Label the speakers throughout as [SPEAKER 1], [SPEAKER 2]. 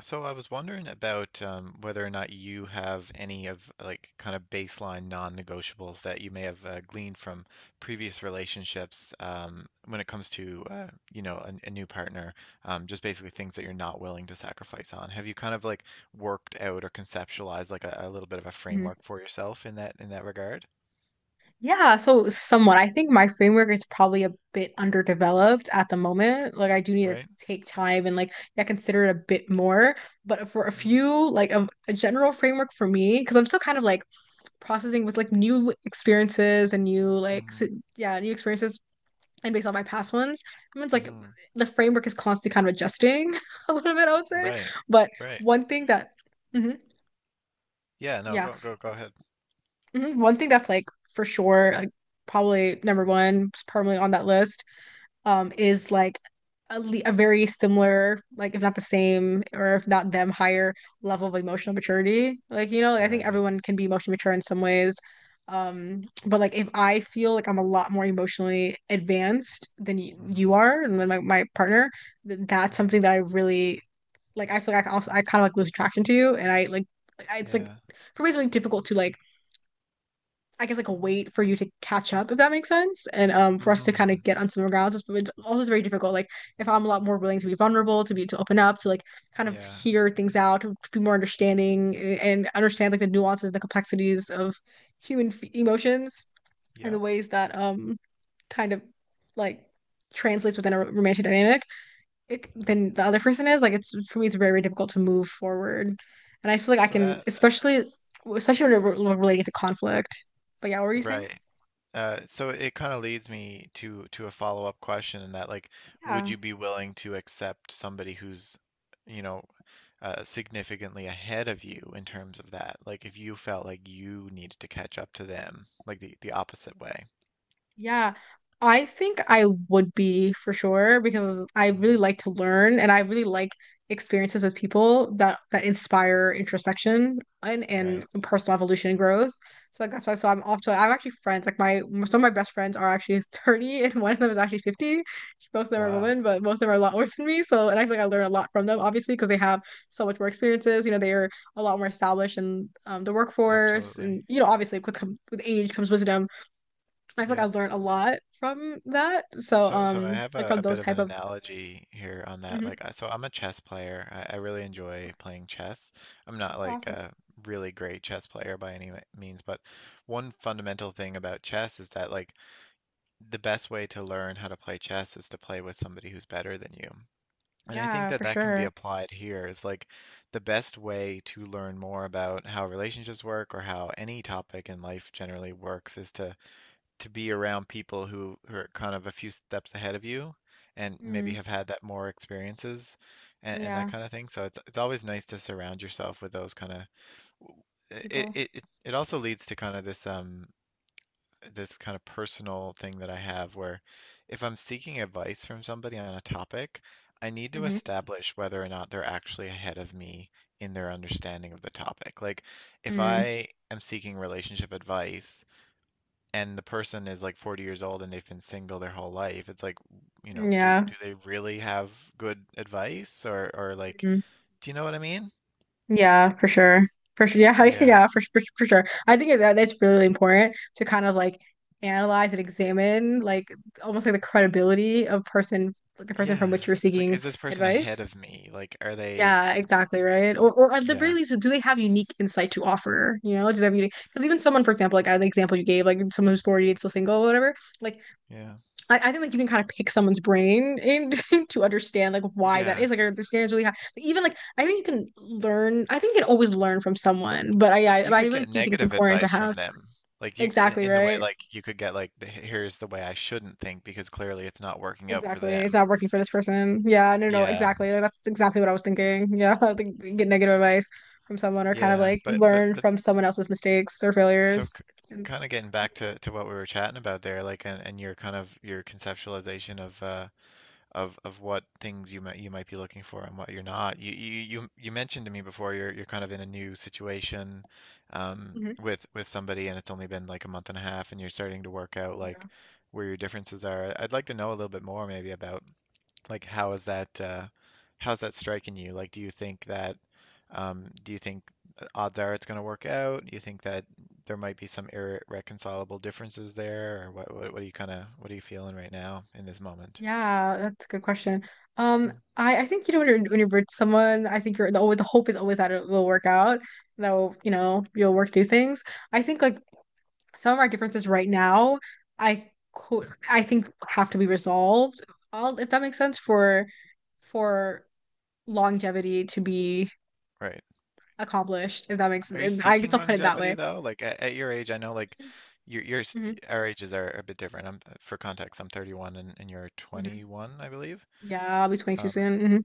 [SPEAKER 1] So I was wondering about Whether or not you have any of kind of baseline non-negotiables that you may have gleaned from previous relationships, when it comes to a new partner, just basically things that you're not willing to sacrifice on. Have you kind of like worked out or conceptualized like a little bit of a
[SPEAKER 2] Mhm.
[SPEAKER 1] framework for yourself in that regard?
[SPEAKER 2] Yeah, so somewhat. I think my framework is probably a bit underdeveloped at the moment. Like I do need to
[SPEAKER 1] Right?
[SPEAKER 2] take time and like yeah, consider it a bit more. But for a
[SPEAKER 1] Mm,
[SPEAKER 2] few, like a general framework for me, because I'm still kind of like processing with like new experiences and new
[SPEAKER 1] Mm-hmm.
[SPEAKER 2] yeah, new experiences and based on my past ones. I mean, it's like
[SPEAKER 1] hmm
[SPEAKER 2] the framework is constantly kind of adjusting a little bit, I would say.
[SPEAKER 1] Right.
[SPEAKER 2] But
[SPEAKER 1] Right.
[SPEAKER 2] one thing that, Mhm.
[SPEAKER 1] Yeah. No.
[SPEAKER 2] yeah.
[SPEAKER 1] Go ahead.
[SPEAKER 2] Mhm. One thing that's like for sure, like probably number one, probably on that list, is like a very similar, like if not the same, or if not them, higher level of emotional maturity. Like, you know, like, I think
[SPEAKER 1] Right.
[SPEAKER 2] everyone can be emotionally mature in some ways. But like if I feel like I'm a lot more emotionally advanced than you
[SPEAKER 1] Mm-hmm.
[SPEAKER 2] are and then my partner, th that's
[SPEAKER 1] hmm
[SPEAKER 2] something that I really like I feel like I can also I kind of like lose attraction to you and I like I, it's like
[SPEAKER 1] Yeah.
[SPEAKER 2] for me it's really difficult to like I guess like a wait for you to catch up, if that makes sense, and for us to kind of
[SPEAKER 1] hmm
[SPEAKER 2] get on similar grounds. It's also very difficult. Like if I'm a lot more willing to be vulnerable, to be to open up, to like kind of
[SPEAKER 1] Yeah.
[SPEAKER 2] hear things out, to be more understanding and understand like the nuances, the complexities of human f emotions and the
[SPEAKER 1] Yep.
[SPEAKER 2] ways that kind of like translates within a romantic dynamic it, than the other person is. Like it's for me, it's very difficult to move forward, and I feel like I
[SPEAKER 1] So
[SPEAKER 2] can,
[SPEAKER 1] that
[SPEAKER 2] especially especially when we're relating to conflict. But yeah, what were you saying?
[SPEAKER 1] right. So it kind of leads me to a follow-up question in that, like, would
[SPEAKER 2] Yeah.
[SPEAKER 1] you be willing to accept somebody who's, you know, significantly ahead of you in terms of that? Like, if you felt like you needed to catch up to them, like the opposite way.
[SPEAKER 2] Yeah, I think I would be for sure because I really
[SPEAKER 1] Mm,
[SPEAKER 2] like to learn and I really like experiences with people that inspire introspection and
[SPEAKER 1] right.
[SPEAKER 2] personal evolution and growth. So like that's why so I'm also I'm actually friends like my some of my best friends are actually 30 and one of them is actually 50. Both of them are
[SPEAKER 1] Wow.
[SPEAKER 2] women, but most of them are a lot older than me. So and I feel like I learn a lot from them obviously because they have so much more experiences. You know, they are a lot more established in the workforce
[SPEAKER 1] Absolutely.
[SPEAKER 2] and you know obviously with age comes wisdom. I feel like I
[SPEAKER 1] Yep.
[SPEAKER 2] learned a lot from that. So,
[SPEAKER 1] So I have
[SPEAKER 2] like
[SPEAKER 1] a,
[SPEAKER 2] from
[SPEAKER 1] a bit
[SPEAKER 2] those
[SPEAKER 1] of an
[SPEAKER 2] type of
[SPEAKER 1] analogy here on that.
[SPEAKER 2] hmm.
[SPEAKER 1] Like, I'm a chess player. I really enjoy playing chess. I'm not like
[SPEAKER 2] Awesome.
[SPEAKER 1] a really great chess player by any means, but one fundamental thing about chess is that, like, the best way to learn how to play chess is to play with somebody who's better than you. And I think
[SPEAKER 2] Yeah,
[SPEAKER 1] that
[SPEAKER 2] for
[SPEAKER 1] that can be
[SPEAKER 2] sure.
[SPEAKER 1] applied here: is, like, the best way to learn more about how relationships work or how any topic in life generally works is to be around people who are kind of a few steps ahead of you and maybe
[SPEAKER 2] Mm,
[SPEAKER 1] have had that more experiences and that
[SPEAKER 2] yeah,
[SPEAKER 1] kind of thing. So it's always nice to surround yourself with those kind of it,
[SPEAKER 2] people.
[SPEAKER 1] it it it also leads to kind of this kind of personal thing that I have, where if I'm seeking advice from somebody on a topic, I need to
[SPEAKER 2] Hmm.
[SPEAKER 1] establish whether or not they're actually ahead of me in their understanding of the topic. Like, if
[SPEAKER 2] Mm,
[SPEAKER 1] I am seeking relationship advice, and the person is like 40 years old and they've been single their whole life, it's like, you know, do
[SPEAKER 2] yeah,
[SPEAKER 1] do they really have good advice, or like,
[SPEAKER 2] mm,
[SPEAKER 1] do you know what I mean?
[SPEAKER 2] yeah, for sure. For sure. Yeah,
[SPEAKER 1] Yeah.
[SPEAKER 2] yeah, for sure. I think that that's really important to kind of like analyze and examine like almost like the credibility of person like the person from
[SPEAKER 1] Yeah.
[SPEAKER 2] which you're
[SPEAKER 1] It's like,
[SPEAKER 2] seeking
[SPEAKER 1] is this person
[SPEAKER 2] advice.
[SPEAKER 1] ahead of me? Like, are they,
[SPEAKER 2] Yeah, exactly, right? Or at the very
[SPEAKER 1] yeah,
[SPEAKER 2] least, do they have unique insight to offer? You know, do they have unique? Because even someone, for example, like the example you gave, like someone who's 40 and still single or whatever, like
[SPEAKER 1] yeah,
[SPEAKER 2] I think like you can kind of pick someone's brain and to understand like why that
[SPEAKER 1] yeah.
[SPEAKER 2] is. Like I understand it's really high. Even like I think you can learn. I think you can always learn from someone, but I I,
[SPEAKER 1] You
[SPEAKER 2] I
[SPEAKER 1] could
[SPEAKER 2] really
[SPEAKER 1] get
[SPEAKER 2] do think it's
[SPEAKER 1] negative
[SPEAKER 2] important to
[SPEAKER 1] advice from
[SPEAKER 2] have
[SPEAKER 1] them. Like, you
[SPEAKER 2] exactly
[SPEAKER 1] in the way,
[SPEAKER 2] right.
[SPEAKER 1] like, you could get like the, here's the way I shouldn't think because clearly it's not working out for
[SPEAKER 2] Exactly. It's
[SPEAKER 1] them.
[SPEAKER 2] not working for this person. Yeah, no, no, no,
[SPEAKER 1] Yeah.
[SPEAKER 2] exactly. Like, that's exactly what I was thinking. Yeah, like get negative advice from someone or kind of
[SPEAKER 1] Yeah.
[SPEAKER 2] like
[SPEAKER 1] But but
[SPEAKER 2] learn
[SPEAKER 1] but
[SPEAKER 2] from someone else's mistakes or
[SPEAKER 1] so,
[SPEAKER 2] failures. And-
[SPEAKER 1] kind of getting back to what we were chatting about there, like, and your kind of your conceptualization of what things you might be looking for and what you're not. You mentioned to me before you're kind of in a new situation,
[SPEAKER 2] Mhm.
[SPEAKER 1] with somebody, and it's only been like a month and a half, and you're starting to work out, like,
[SPEAKER 2] Yeah.
[SPEAKER 1] where your differences are. I'd like to know a little bit more maybe about, like, how is that how's that striking you? Like, do you think that do you think odds are it's going to work out? Do you think that there might be some irreconcilable differences there, or what? What are you kind of what are you feeling right now in this moment?
[SPEAKER 2] Yeah, that's a good question. Um,
[SPEAKER 1] Mm.
[SPEAKER 2] I, I think you know when you're with someone, I think you're the always the hope is always that it will work out. That will, you know, you'll work through things. I think like some of our differences right now, I could I think have to be resolved. All if that makes sense for longevity to be
[SPEAKER 1] Right.
[SPEAKER 2] accomplished, if that makes
[SPEAKER 1] Are you
[SPEAKER 2] sense. I guess
[SPEAKER 1] seeking
[SPEAKER 2] I'll put it that
[SPEAKER 1] longevity
[SPEAKER 2] way.
[SPEAKER 1] though? Like, at your age, I know, like, your your s-
[SPEAKER 2] Hmm.
[SPEAKER 1] our ages are a bit different. I'm for context, I'm 31, and you're
[SPEAKER 2] Hmm.
[SPEAKER 1] 21, I believe.
[SPEAKER 2] Yeah, I'll be 22
[SPEAKER 1] Um,
[SPEAKER 2] soon. Hmm.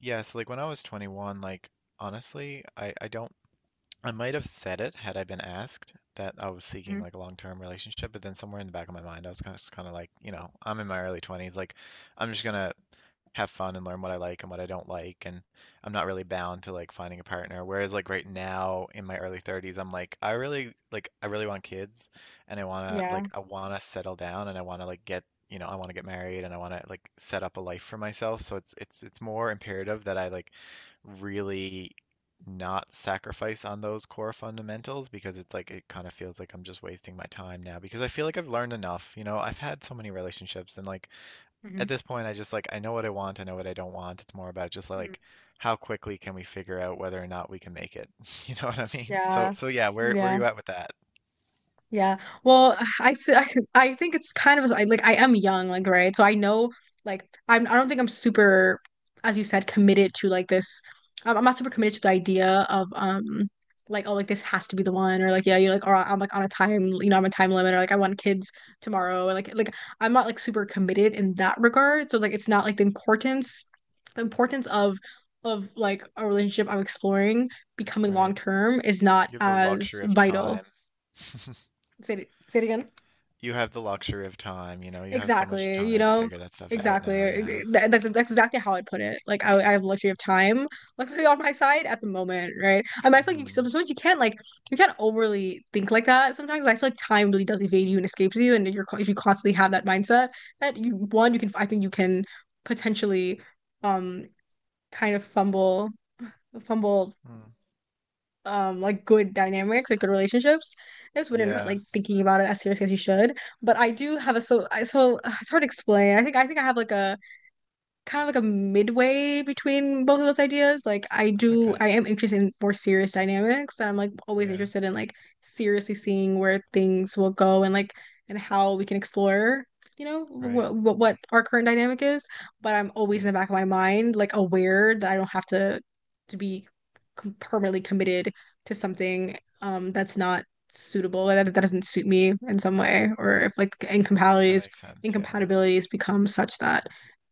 [SPEAKER 1] yeah, so like when I was 21, like honestly, I don't I might have said, it had I been asked, that I was seeking
[SPEAKER 2] Hmm.
[SPEAKER 1] like a long-term relationship, but then somewhere in the back of my mind, I was kind of like, you know, I'm in my early 20s, like I'm just gonna have fun and learn what I like and what I don't like, and I'm not really bound to like finding a partner. Whereas like right now in my early 30s, I'm like I really want kids, and I want to
[SPEAKER 2] Yeah.
[SPEAKER 1] like I want to settle down, and I want to like get, you know, I want to get married, and I want to like set up a life for myself. So it's more imperative that I like really not sacrifice on those core fundamentals, because it's like it kind of feels like I'm just wasting my time now because I feel like I've learned enough. You know, I've had so many relationships, and like
[SPEAKER 2] Hmm.
[SPEAKER 1] at this point, I just like I know what I want, I know what I don't want. It's more about just like how quickly can we figure out whether or not we can make it. You know what I mean? So
[SPEAKER 2] Yeah.
[SPEAKER 1] so yeah, where are
[SPEAKER 2] Yeah.
[SPEAKER 1] you at with that?
[SPEAKER 2] Yeah. Well, I I think it's kind of I like I am young, like right. So I know like I'm I don't think I'm super, as you said, committed to like this. I'm not super committed to the idea of like oh like this has to be the one or like yeah you're like or I'm like on a time you know I'm a time limit or like I want kids tomorrow and like I'm not like super committed in that regard. So like it's not like the importance of like a relationship I'm exploring becoming long
[SPEAKER 1] Right.
[SPEAKER 2] term is not
[SPEAKER 1] You have the
[SPEAKER 2] as
[SPEAKER 1] luxury of
[SPEAKER 2] vital.
[SPEAKER 1] time.
[SPEAKER 2] Say it again.
[SPEAKER 1] You have the luxury of time, you know, you have so much
[SPEAKER 2] Exactly, you
[SPEAKER 1] time to
[SPEAKER 2] know,
[SPEAKER 1] figure that stuff out
[SPEAKER 2] exactly.
[SPEAKER 1] now, yeah.
[SPEAKER 2] That's exactly how I'd put it. Like I have the luxury of time, luckily on my side at the moment, right? I mean, I feel like you,
[SPEAKER 1] Mm-hmm.
[SPEAKER 2] sometimes you can't like you can't overly think like that. Sometimes I feel like time really does evade you and escapes you, and if you constantly have that mindset that you one you can I think you can potentially um kind of fumble
[SPEAKER 1] Mm.
[SPEAKER 2] like good dynamics like good relationships is when you're not
[SPEAKER 1] Yeah.
[SPEAKER 2] like thinking about it as seriously as you should but I do have a so I so it's hard to explain I think I have like a kind of like a midway between both of those ideas. Like I do,
[SPEAKER 1] Okay.
[SPEAKER 2] I am interested in more serious dynamics, and I'm like always
[SPEAKER 1] Yeah.
[SPEAKER 2] interested in like seriously seeing where things will go and like and how we can explore, you know,
[SPEAKER 1] Right.
[SPEAKER 2] what our current dynamic is. But I'm always in
[SPEAKER 1] Right.
[SPEAKER 2] the back of my mind, like aware that I don't have to be com permanently committed to something that's not suitable that that doesn't suit me in some way, or if like
[SPEAKER 1] That
[SPEAKER 2] incompatibilities
[SPEAKER 1] makes sense, yeah.
[SPEAKER 2] incompatibilities become such that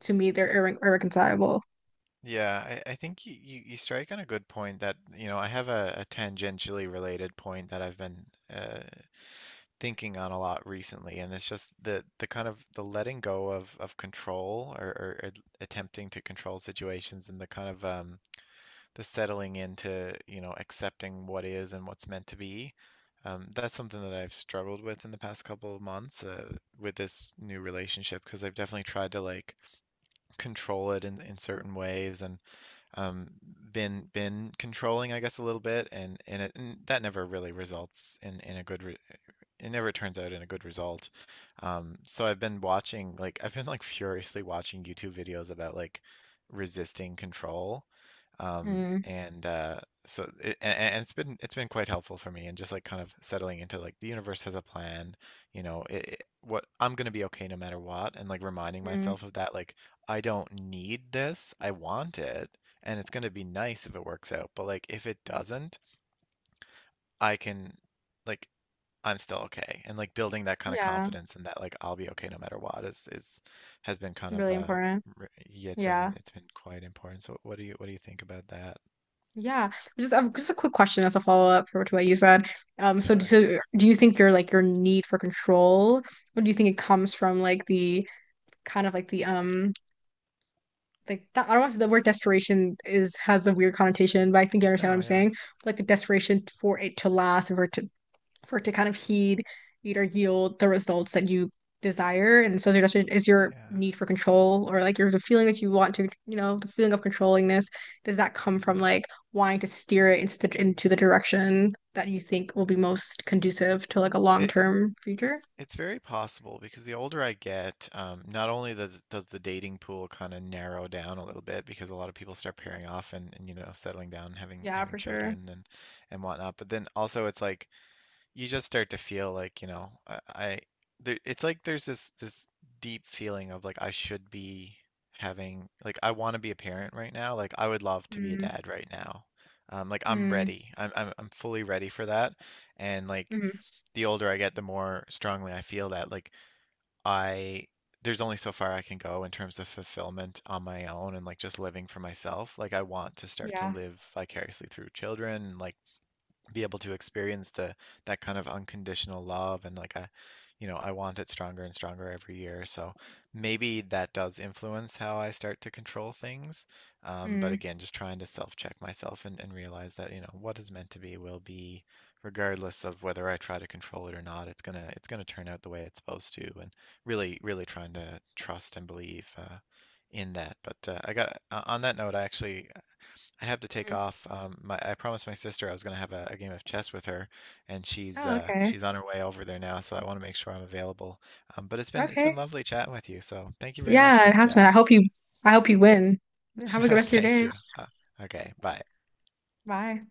[SPEAKER 2] to me, they're irre irreconcilable.
[SPEAKER 1] Yeah, I think you strike on a good point that, you know, I have a tangentially related point that I've been uh, thinking on a lot recently, and it's just the kind of the letting go of control, or attempting to control situations, and the kind of the settling into, you know, accepting what is and what's meant to be. That's something that I've struggled with in the past couple of months with this new relationship, because I've definitely tried to like control it in certain ways, and um, been controlling, I guess, a little bit, and that never really results in a good re it never turns out in a good result. So I've been watching, like I've been like furiously watching YouTube videos about like resisting control.
[SPEAKER 2] Mm,
[SPEAKER 1] And so it, and it's been quite helpful for me, and just like kind of settling into like the universe has a plan, you know, what I'm gonna be okay no matter what, and like reminding
[SPEAKER 2] mm,
[SPEAKER 1] myself of that, like I don't need this, I want it, and it's gonna be nice if it works out, but like if it doesn't, I can like I'm still okay. And like building that kind of
[SPEAKER 2] yeah,
[SPEAKER 1] confidence, and that like I'll be okay no matter what is has been kind of
[SPEAKER 2] really important.
[SPEAKER 1] yeah,
[SPEAKER 2] Yeah,
[SPEAKER 1] it's been quite important. So what do you think about that?
[SPEAKER 2] yeah. Just a quick question as a follow-up for to what you said. Um, so
[SPEAKER 1] Sure.
[SPEAKER 2] so do you think your like your need for control, or do you think it comes from like the kind of like the like that, I don't want to say the word desperation is has a weird connotation, but I think you understand what
[SPEAKER 1] No,
[SPEAKER 2] I'm
[SPEAKER 1] yeah.
[SPEAKER 2] saying. Like the desperation for it to last, and for it to kind of heed, heed or yield the results that you desire. And sociodestination is your
[SPEAKER 1] Yeah.
[SPEAKER 2] need for control or like your the feeling that you want to, you know, the feeling of controlling this. Does that come from
[SPEAKER 1] hmm
[SPEAKER 2] like wanting to steer it into into the direction that you think will be most conducive to like a
[SPEAKER 1] It it-
[SPEAKER 2] long-term future?
[SPEAKER 1] it's very possible, because the older I get, not only does the dating pool kind of narrow down a little bit because a lot of people start pairing off, and you know, settling down, and having
[SPEAKER 2] Yeah,
[SPEAKER 1] having
[SPEAKER 2] for sure.
[SPEAKER 1] children and whatnot, but then also it's like you just start to feel like, you know, I there, it's like there's this this deep feeling of like I should be having like I want to be a parent right now. Like I would love to be a
[SPEAKER 2] Mm,
[SPEAKER 1] dad right now. Like I'm
[SPEAKER 2] mm,
[SPEAKER 1] ready. I'm fully ready for that. And like
[SPEAKER 2] mm,
[SPEAKER 1] the older I get, the more strongly I feel that like I there's only so far I can go in terms of fulfillment on my own, and like just living for myself. Like I want to start to
[SPEAKER 2] yeah.
[SPEAKER 1] live vicariously through children, like be able to experience the that kind of unconditional love, and like I you know I want it stronger and stronger every year, so maybe that does influence how I start to control things, but
[SPEAKER 2] Mm,
[SPEAKER 1] again, just trying to self-check myself, and realize that, you know, what is meant to be will be, regardless of whether I try to control it or not. It's gonna it's gonna turn out the way it's supposed to, and really really trying to trust and believe in that. But I got on that note, I actually I have to take
[SPEAKER 2] mm.
[SPEAKER 1] off. My, I promised my sister I was going to have a game of chess with her, and
[SPEAKER 2] Oh, okay.
[SPEAKER 1] she's on her way over there now, so I want to make sure I'm available. But it's been
[SPEAKER 2] Okay.
[SPEAKER 1] lovely chatting with you. So thank you very much
[SPEAKER 2] Yeah,
[SPEAKER 1] for
[SPEAKER 2] it
[SPEAKER 1] the
[SPEAKER 2] has been.
[SPEAKER 1] chat.
[SPEAKER 2] I hope you win. Have a good rest of your
[SPEAKER 1] Thank
[SPEAKER 2] day.
[SPEAKER 1] you. Uh, okay, bye.
[SPEAKER 2] Bye.